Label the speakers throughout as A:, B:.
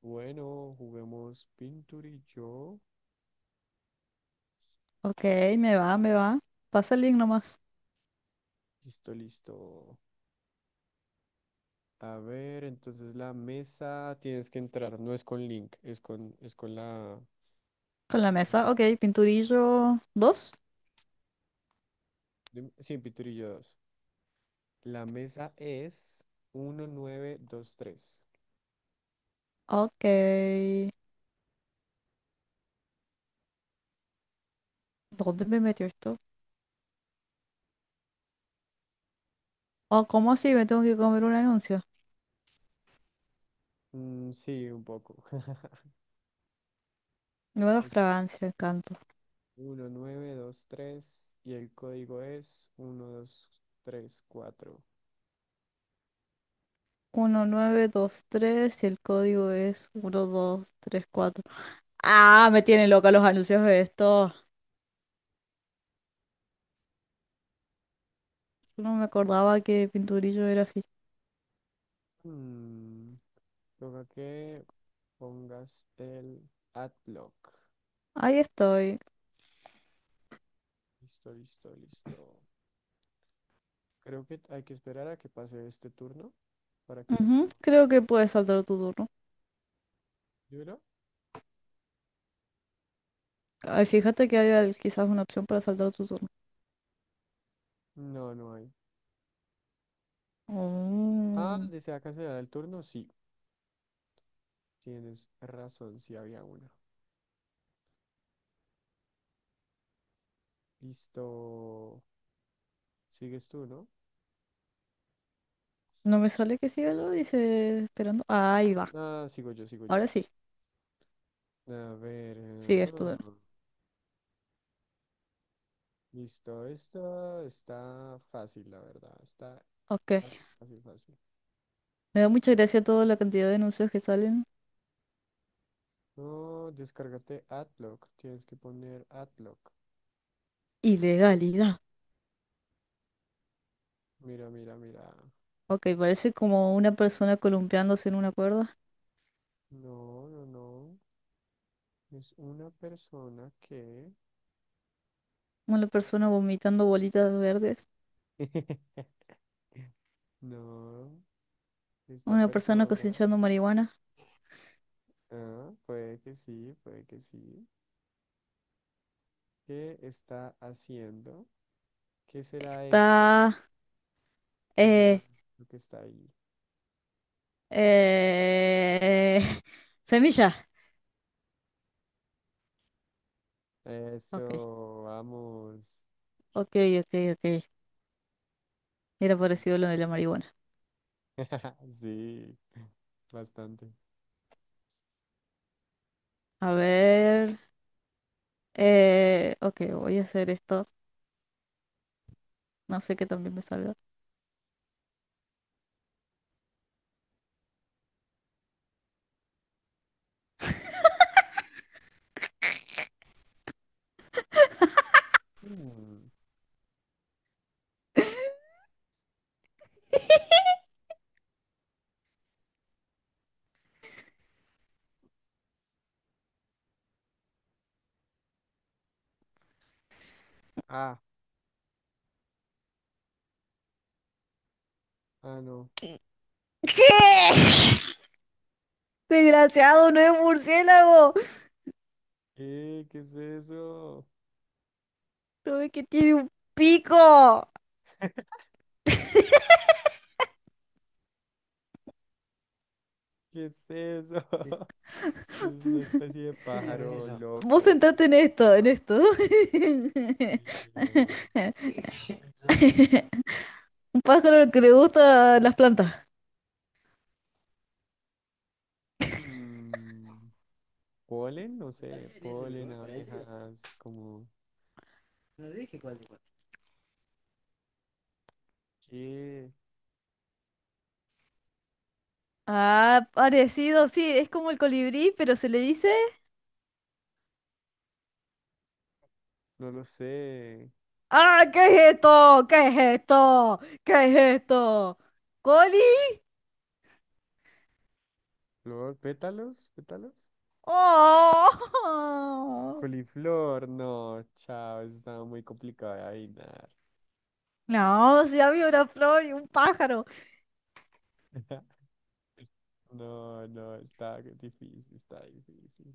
A: Bueno, juguemos pinturillo.
B: Ok, me va, me va. Pasa el link nomás.
A: Listo, listo. A ver, entonces la mesa tienes que entrar, no es con link, es con
B: Con la
A: el
B: mesa,
A: número.
B: ok, pinturillo 2.
A: Sí, pinturillo 2. La mesa es 1923.
B: Ok. ¿Dónde me metió esto? Oh, ¿cómo así? Me tengo que comer un anuncio.
A: Mm, sí, un poco.
B: Nueva
A: Es
B: fragancia, encanto.
A: 1923 y el código es uno dos tres cuatro.
B: 1923 y el código es 1234. Ah, me tienen loca los anuncios de esto. No me acordaba que pinturillo era así.
A: Mm, Toca que pongas el adblock.
B: Ahí estoy.
A: Listo, listo, listo. Creo que hay que esperar a que pase este turno para que ya
B: Ujú,
A: podamos.
B: creo que puedes saltar tu turno.
A: ¿Yura?
B: Ay, fíjate que hay quizás una opción para saltar tu turno.
A: No, no hay. Ah,
B: Oh.
A: ¿desea cancelar el turno? Sí, tienes razón, sí había una. Listo. ¿Sigues tú, no?
B: No me sale que siga lo dice esperando. Ah, ahí va.
A: Ah, sigo yo, sigo yo.
B: Ahora sí.
A: A ver. Ajá.
B: Sigues tú.
A: Listo, esto está fácil, la verdad. Está
B: Ok.
A: fácil, fácil, fácil.
B: Me da mucha gracia toda la cantidad de anuncios que salen.
A: No, descárgate Adlock. Tienes que poner Adlock.
B: Ilegalidad.
A: Mira, mira, mira.
B: Ok, parece como una persona columpiándose en una cuerda.
A: No, no, no. Es una persona que...
B: Una persona vomitando bolitas verdes.
A: No, esta
B: Una persona
A: persona...
B: cosechando marihuana.
A: Ah, puede que sí, puede que sí. ¿Qué está haciendo? ¿Qué será esto?
B: Está.
A: ¿Qué será
B: Eh...
A: lo que está ahí?
B: Eh... Semilla. Ok.
A: Eso, vamos.
B: Ok, ok, ok. Era
A: Sí,
B: parecido lo de la marihuana.
A: sí, bastante.
B: A ver. Ok, voy a hacer esto. No sé qué también me salga.
A: Mm. Ah, ah, no.
B: ¿Qué? Desgraciado, no es un murciélago.
A: ¿Qué es eso?
B: No ves que tiene un pico.
A: ¿Qué es eso? Es una especie de pájaro
B: Vos
A: loco.
B: centrate en esto, en esto.
A: Dios mío.
B: Un pájaro que le gusta las plantas.
A: Mm, Polen, no sé, polen, abejas, como qué,
B: Ah, parecido, sí, es como el colibrí, pero se le dice.
A: no lo sé.
B: ¡Ah, qué es esto! ¿Qué es esto? ¿Qué es esto? ¿Coli?
A: Flor, pétalos, pétalos.
B: ¡Oh!
A: Coliflor, no, chao, eso estaba muy complicado de adivinar.
B: No, si había una flor y un pájaro.
A: No, no, está difícil, está difícil.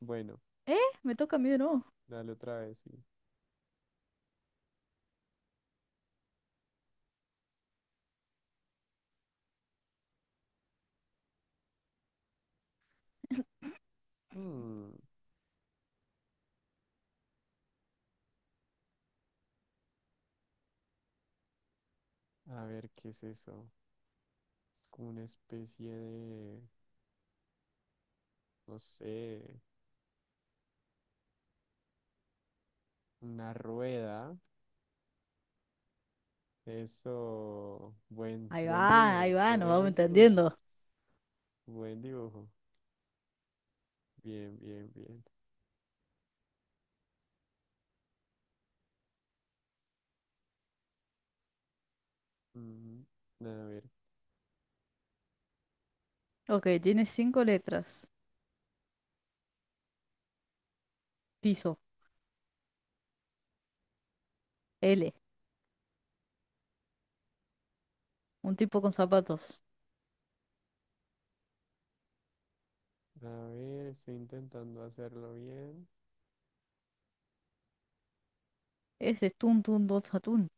A: Bueno,
B: ¿Eh? Me toca a mí de nuevo.
A: dale otra vez, sí. Mm, a ver, ¿qué es eso? Como una especie de, no sé, una rueda. Eso, buen, buen
B: Ahí
A: dibujo,
B: va, nos vamos
A: buen dibujo,
B: entendiendo.
A: buen dibujo. Bien, bien, bien. Ujú. A ver,
B: Ok, tiene cinco letras. Piso, L, un tipo con zapatos.
A: a ver, estoy intentando hacerlo bien.
B: Ese es tun tun dos atún.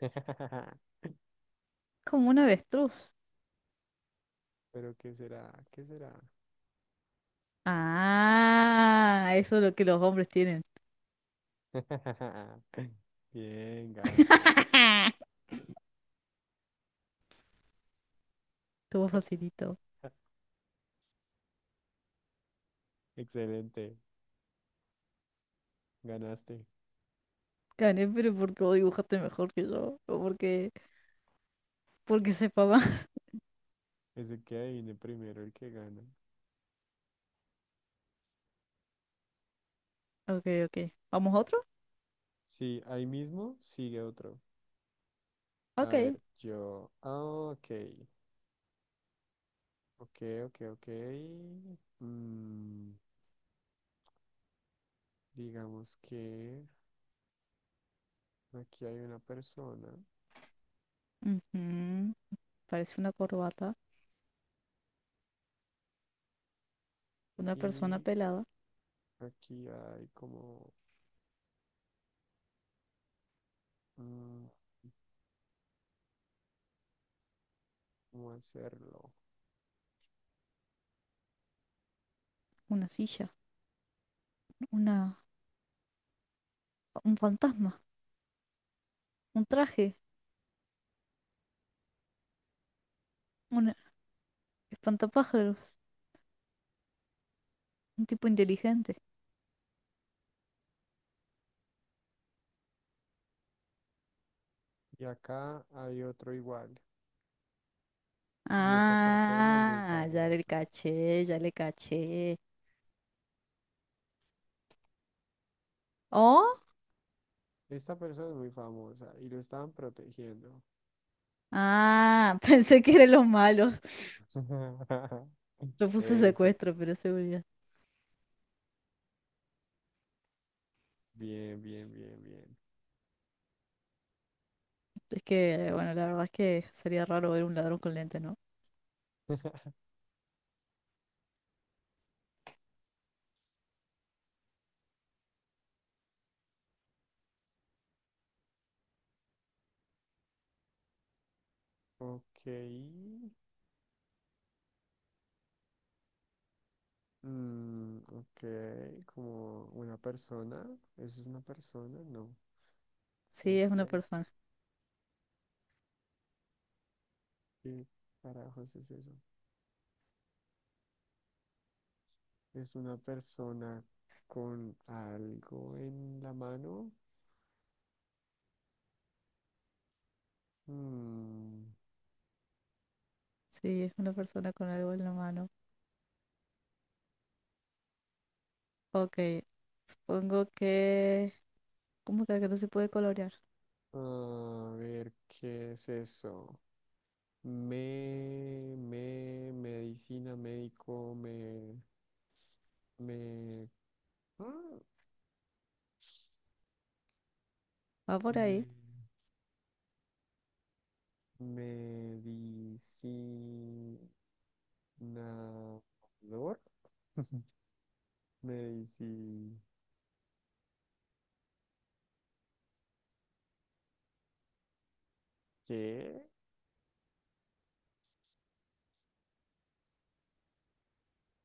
B: Como un avestruz.
A: Pero ¿qué será? ¿Qué será?
B: Ah, eso es lo que los hombres tienen.
A: Bien, ganso.
B: Estuvo facilito.
A: Excelente. Ganaste.
B: Gané, pero porque vos dibujaste mejor que yo. O porque sepa más.
A: Es el que adivine primero el que gana.
B: Ok, ok. ¿Vamos a otro?
A: Sí, ahí mismo sigue otro. A
B: Ok.
A: ver, yo. Ah, ok. Ok, ok, ok. Mm, Digamos que aquí hay una persona
B: Ujú. Parece una corbata, una persona
A: y
B: pelada,
A: aquí hay como, mm, ¿cómo hacerlo?
B: una silla, una, un fantasma, un traje. Un Espantapájaros, un tipo inteligente.
A: Y acá hay otro igual. Y esta persona es muy
B: Ah, ya le
A: famosa.
B: caché, ya le caché. ¿Oh?
A: Esta persona es muy famosa y lo estaban protegiendo.
B: Ah, pensé que eran los malos. Yo puse
A: Eso.
B: secuestro, pero es seguridad.
A: Bien, bien, bien, bien.
B: Es que, bueno, la verdad es que sería raro ver un ladrón con lente, ¿no?
A: Ok. Mm, ok. Como una persona. ¿Eso es una persona? No.
B: Sí, es
A: Este
B: una
A: es eso.
B: persona.
A: ¿Qué carajos es eso? Es una persona con algo en la mano. Mm,
B: Sí, es una persona con algo en la mano. Ok, supongo que. ¿Cómo que no se puede colorear?
A: a ver, ¿qué es eso? Me, medicina, médico, me, ah,
B: Va por ahí,
A: me, medicinador, medici, ¿qué?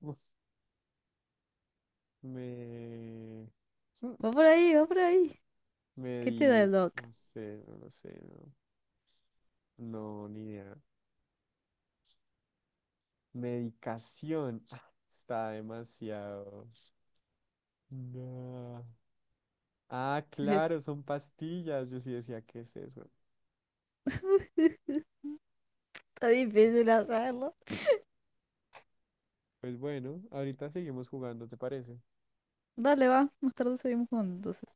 A: Uf, me,
B: va por ahí, va por ahí.
A: me
B: ¿Qué
A: di,
B: te da el doc?
A: no sé, no lo sé, no. No, ni idea. Medicación. Ah, está demasiado. No. Ah,
B: Entonces,
A: claro, son pastillas. Yo sí decía, ¿qué es eso?
B: está difícil hacerlo.
A: Pues bueno, ahorita seguimos jugando, ¿te parece?
B: Dale, va. Más tarde seguimos jugando entonces.